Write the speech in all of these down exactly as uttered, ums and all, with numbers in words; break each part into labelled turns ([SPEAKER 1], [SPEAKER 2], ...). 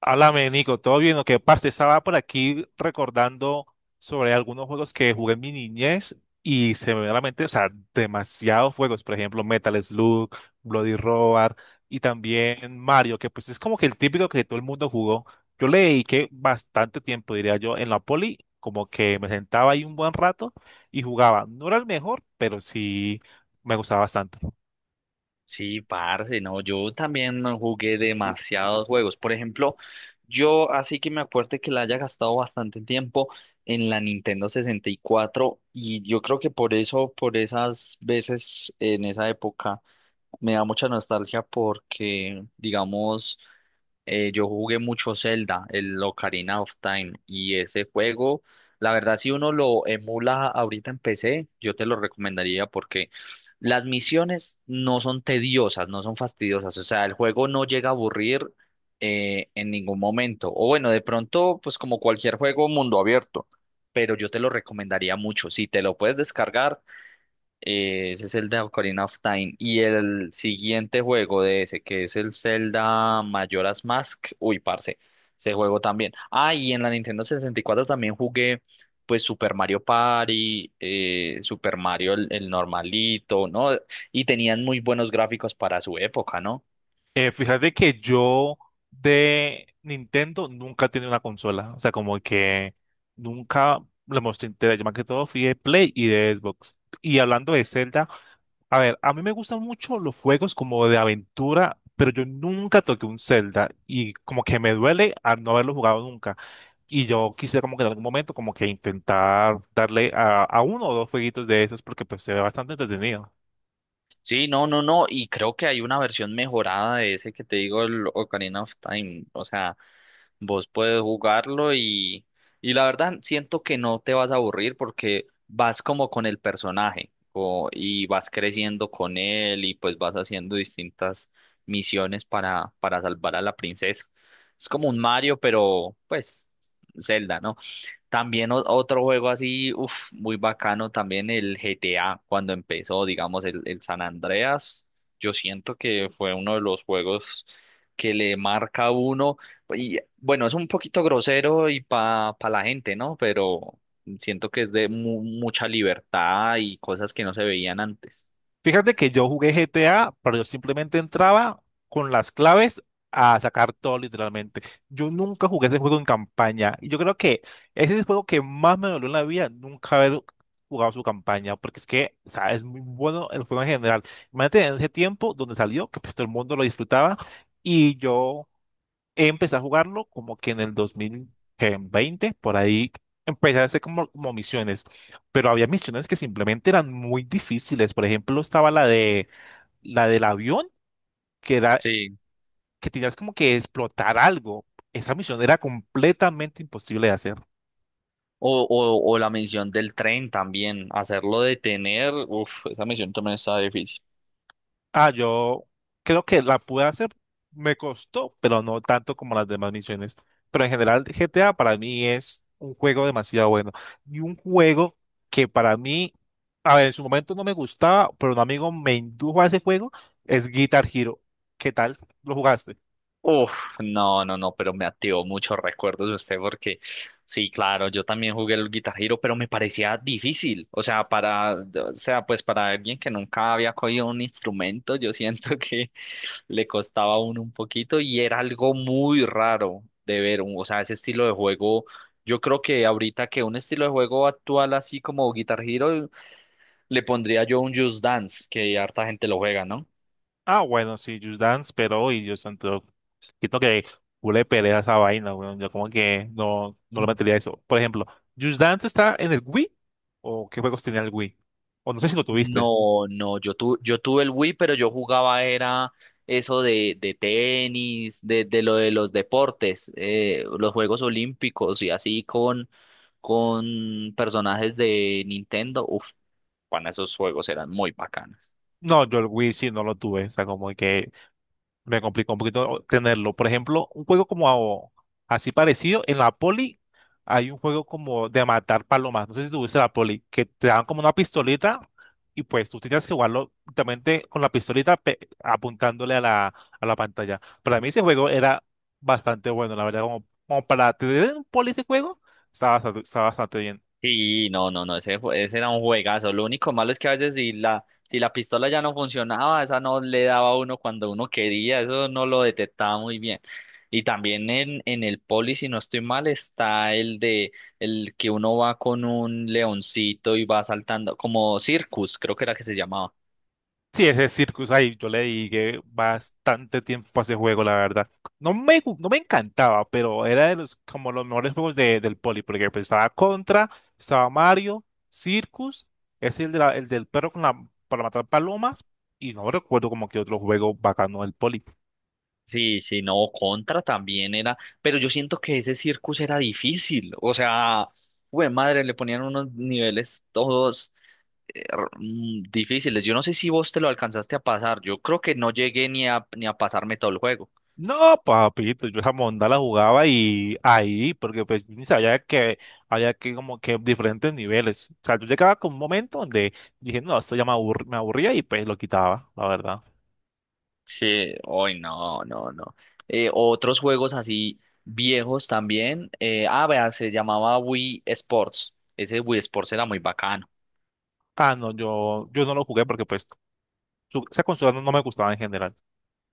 [SPEAKER 1] Háblame, Nico, ¿todo bien? Lo que pasa, estaba por aquí recordando sobre algunos juegos que jugué en mi niñez y se me viene a la mente, o sea, demasiados juegos, por ejemplo, Metal Slug, Bloody Roar y también Mario, que pues es como que el típico que todo el mundo jugó. Yo le dediqué bastante tiempo, diría yo, en la poli, como que me sentaba ahí un buen rato y jugaba. No era el mejor, pero sí me gustaba bastante.
[SPEAKER 2] Sí, parce, no, yo también no jugué demasiados juegos. Por ejemplo, yo así que me acuerdo que la haya gastado bastante tiempo en la Nintendo sesenta y cuatro y yo creo que por eso, por esas veces en esa época, me da mucha nostalgia porque, digamos, eh, yo jugué mucho Zelda, el Ocarina of Time, y ese juego, la verdad, si uno lo emula ahorita en P C, yo te lo recomendaría porque las misiones no son tediosas, no son fastidiosas, o sea, el juego no llega a aburrir eh, en ningún momento. O bueno, de pronto, pues como cualquier juego mundo abierto, pero yo te lo recomendaría mucho. Si te lo puedes descargar, eh, ese es el de Ocarina of Time. Y el siguiente juego de ese, que es el Zelda Majora's Mask. Uy, parce, ese juego también. Ah, y en la Nintendo sesenta y cuatro también jugué, pues, Super Mario Party, eh, Super Mario el, el normalito, ¿no? Y tenían muy buenos gráficos para su época, ¿no?
[SPEAKER 1] Eh, fíjate que yo de Nintendo nunca tenía una consola. O sea, como que nunca le mostré interés. Yo más que todo fui de Play y de Xbox. Y hablando de Zelda, a ver, a mí me gustan mucho los juegos como de aventura, pero yo nunca toqué un Zelda. Y como que me duele al no haberlo jugado nunca. Y yo quisiera como que en algún momento como que intentar darle a, a uno o dos jueguitos de esos porque pues se ve bastante entretenido.
[SPEAKER 2] Sí, no, no, no. Y creo que hay una versión mejorada de ese que te digo, el Ocarina of Time. O sea, vos puedes jugarlo y, y la verdad siento que no te vas a aburrir porque vas como con el personaje o- y vas creciendo con él y pues vas haciendo distintas misiones para, para salvar a la princesa. Es como un Mario, pero pues Zelda, ¿no? También o- otro juego así, uf, muy bacano, también el G T A, cuando empezó, digamos, el, el San Andreas, yo siento que fue uno de los juegos que le marca a uno, y bueno, es un poquito grosero y pa, pa la gente, ¿no? Pero siento que es de mu- mucha libertad y cosas que no se veían antes.
[SPEAKER 1] Fíjate que yo jugué G T A, pero yo simplemente entraba con las claves a sacar todo literalmente. Yo nunca jugué ese juego en campaña. Y yo creo que ese es el juego que más me dolió en la vida, nunca haber jugado su campaña, porque es que, o sea, es muy bueno el juego en general. Imagínate en ese tiempo donde salió, que pues todo el mundo lo disfrutaba, y yo empecé a jugarlo como que en el dos mil veinte. Por ahí empecé a hacer como, como misiones, pero había misiones que simplemente eran muy difíciles. Por ejemplo, estaba la de la del avión, que era
[SPEAKER 2] Sí.
[SPEAKER 1] que tenías como que explotar algo. Esa misión era completamente imposible de hacer.
[SPEAKER 2] O, o, o la misión del tren también, hacerlo detener, uf, esa misión también está difícil.
[SPEAKER 1] Ah, yo creo que la pude hacer, me costó, pero no tanto como las demás misiones. Pero en general, G T A para mí es un juego demasiado bueno. Y un juego que para mí, a ver, en su momento no me gustaba, pero un amigo me indujo a ese juego, es Guitar Hero. ¿Qué tal? ¿Lo jugaste?
[SPEAKER 2] Uf, no, no, no, pero me activó muchos recuerdos de usted porque sí, claro, yo también jugué el Guitar Hero, pero me parecía difícil, o sea, para, o sea, pues para alguien que nunca había cogido un instrumento, yo siento que le costaba a uno un poquito y era algo muy raro de ver, un- o sea, ese estilo de juego, yo creo que ahorita que un estilo de juego actual así como Guitar Hero, le pondría yo un Just Dance, que harta gente lo juega, ¿no?
[SPEAKER 1] Ah, bueno, sí, Just Dance, pero y yo siento, siento que huele pelea esa vaina, weón. Yo como que no, no lo metería eso. Por ejemplo, Just Dance está en el Wii, o qué juegos tenía el Wii, o no sé si lo tuviste.
[SPEAKER 2] No, no, yo, tu, yo tuve el Wii, pero yo jugaba era eso de, de tenis, de, de lo de los deportes, eh, los Juegos Olímpicos y así con, con personajes de Nintendo. Uf, bueno, esos juegos eran muy bacanas.
[SPEAKER 1] No, yo el Wii sí no lo tuve, o sea, como que me complicó un poquito tenerlo. Por ejemplo, un juego como a- así parecido, en la poli hay un juego como de matar palomas. No sé si tuviste la poli, que te dan como una pistolita y pues tú tenías que jugarlo justamente con la pistolita pe- apuntándole a la, a la pantalla. Para mí ese juego era bastante bueno, la verdad, como, como para tener un poli ese juego, estaba bastante, estaba bastante bien.
[SPEAKER 2] Sí, no, no, no, ese, jue- ese era un juegazo. Lo único malo es que a veces si la, si la pistola ya no funcionaba, esa no le daba a uno cuando uno quería, eso no lo detectaba muy bien. Y también en, en el poli, si no estoy mal, está el de el que uno va con un leoncito y va saltando, como Circus, creo que era que se llamaba.
[SPEAKER 1] Sí, ese Circus, ahí yo le dediqué bastante tiempo a ese juego, la verdad. No me, gu- no me encantaba, pero era de los, como los mejores juegos de- del Poli, porque pues estaba Contra, estaba Mario, Circus, es el, de la- el del perro con la, para matar palomas, y no recuerdo como que otro juego bacano del Poli.
[SPEAKER 2] Sí, sí, no, Contra también era, pero yo siento que ese Circus era difícil, o sea, güey, madre, le ponían unos niveles todos. R- mm, difíciles. Yo no sé si vos te lo alcanzaste a pasar. Yo creo que no llegué ni a, ni a pasarme todo el juego.
[SPEAKER 1] No, papito, yo esa monda la jugaba y ahí, porque pues yo ni sabía que había que como que diferentes niveles. O sea, yo llegaba con un momento donde dije, no, esto ya me aburr- me aburría y pues lo quitaba, la verdad.
[SPEAKER 2] Sí, hoy no, no, no. Eh, otros juegos así viejos también. Eh, ah, vea, se llamaba Wii Sports. Ese Wii Sports era muy bacano.
[SPEAKER 1] Ah, no, yo, yo no lo jugué porque pues su- esa consola no, no me gustaba en general.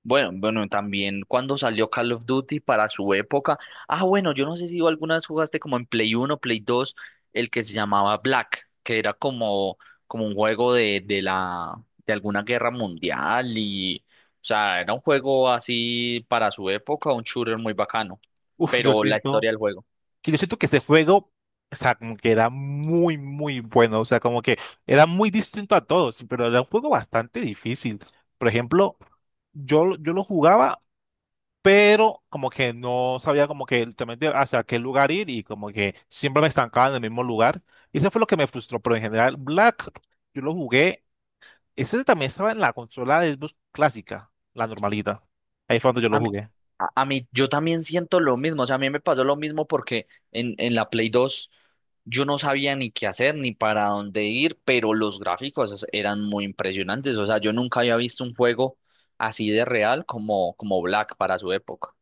[SPEAKER 2] Bueno, bueno, también cuando salió Call of Duty para su época. Ah, bueno, yo no sé si tú alguna vez jugaste como en Play uno, Play dos, el que se llamaba Black, que era como, como un juego de, de la, de alguna guerra mundial y, o sea, era un juego así para su época, un shooter muy bacano,
[SPEAKER 1] Uf, yo
[SPEAKER 2] pero la
[SPEAKER 1] siento
[SPEAKER 2] historia del juego.
[SPEAKER 1] que yo siento que ese juego, o sea, como que era muy, muy bueno. O sea, como que era muy distinto a todos, pero era un juego bastante difícil. Por ejemplo, yo, yo lo jugaba, pero como que no sabía como que realmente hacia qué lugar ir y como que siempre me estancaba en el mismo lugar. Y eso fue lo que me frustró, pero en general, Black, yo lo jugué, ese también estaba en la consola de Xbox clásica, la normalita. Ahí fue donde yo lo jugué.
[SPEAKER 2] A, a mí, yo también siento lo mismo, o sea, a mí me pasó lo mismo porque en, en la Play dos yo no sabía ni qué hacer ni para dónde ir, pero los gráficos es- eran muy impresionantes, o sea, yo nunca había visto un juego así de real como, como Black para su época.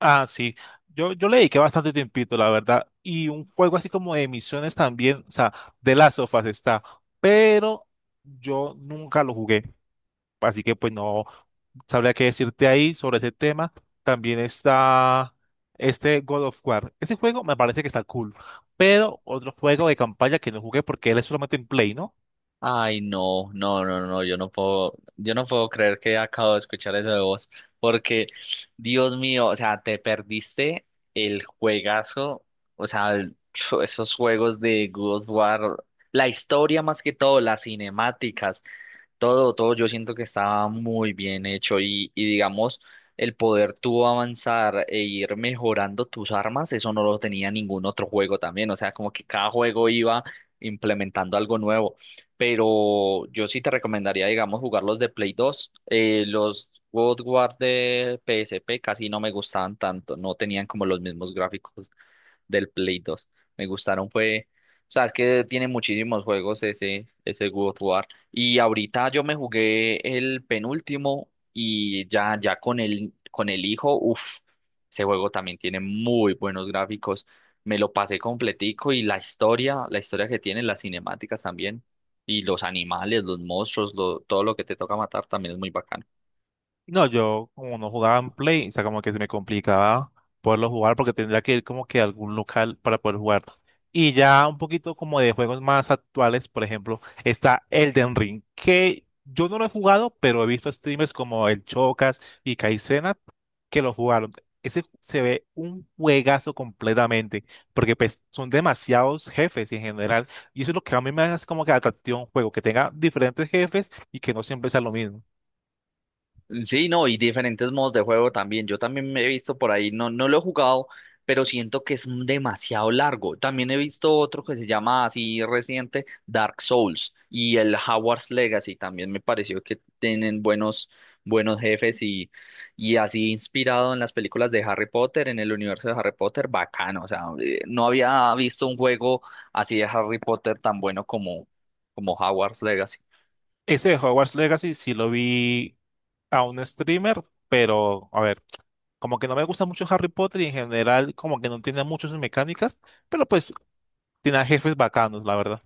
[SPEAKER 1] Ah, sí. Yo, yo le dediqué bastante tiempito, la verdad. Y un juego así como de misiones también, o sea, de las sofas está. Pero yo nunca lo jugué. Así que pues no sabría qué decirte ahí sobre ese tema. También está este God of War. Ese juego me parece que está cool. Pero otro juego de campaña que no jugué porque él es solamente en Play, ¿no?
[SPEAKER 2] Ay, no, no, no, no, yo no puedo, yo no puedo creer que acabo de escuchar eso de vos, porque, Dios mío, o sea, te perdiste el juegazo, o sea, el- esos juegos de God of War, la historia más que todo, las cinemáticas, todo, todo yo siento que estaba muy bien hecho y, y digamos, el poder tú avanzar e ir mejorando tus armas, eso no lo tenía ningún otro juego también, o sea, como que cada juego iba implementando algo nuevo, pero yo sí te recomendaría, digamos, jugar los de Play dos eh, los God of War de P S P casi no me gustaban tanto, no tenían como los mismos gráficos del Play dos. Me gustaron, fue, o sea, es que tiene muchísimos juegos ese, ese God of War. Y ahorita yo me jugué el penúltimo y ya, ya con el, con el hijo, uff, ese juego también tiene muy buenos gráficos. Me lo pasé completico y la historia, la historia que tiene, las cinemáticas también. Y los animales, los monstruos, lo- todo lo que te toca matar también es muy bacano.
[SPEAKER 1] No, yo como no jugaba en Play, o sea, como que se me complicaba poderlo jugar porque tendría que ir como que a algún local para poder jugar. Y ya un poquito como de juegos más actuales, por ejemplo, está Elden Ring, que yo no lo he jugado, pero he visto streamers como el Chocas y Kaizenat que lo jugaron. Ese se ve un juegazo completamente, porque pues son demasiados jefes en general, y eso es lo que a mí me hace como que atractivo a un juego, que tenga diferentes jefes y que no siempre sea lo mismo.
[SPEAKER 2] Sí, no, y diferentes modos de juego también. Yo también me he visto por ahí, no, no lo he jugado, pero siento que es demasiado largo. También he visto otro que se llama así reciente, Dark Souls y el Hogwarts Legacy. También me pareció que tienen buenos, buenos jefes y, y así inspirado en las películas de Harry Potter, en el universo de Harry Potter, bacano. O sea, eh, no había visto un juego así de Harry Potter tan bueno como, como Hogwarts Legacy.
[SPEAKER 1] Ese de Hogwarts Legacy sí lo vi a un streamer, pero a ver, como que no me gusta mucho Harry Potter y en general como que no tiene muchas mecánicas, pero pues tiene a jefes bacanos, la verdad.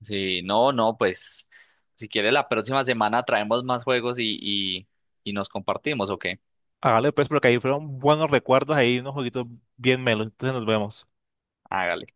[SPEAKER 2] Sí, no, no, pues si quiere la próxima semana traemos más juegos y, y, y nos compartimos, ¿o qué?
[SPEAKER 1] Hágale pues porque ahí fueron buenos recuerdos, ahí unos jueguitos bien melos, entonces nos vemos.
[SPEAKER 2] Hágale.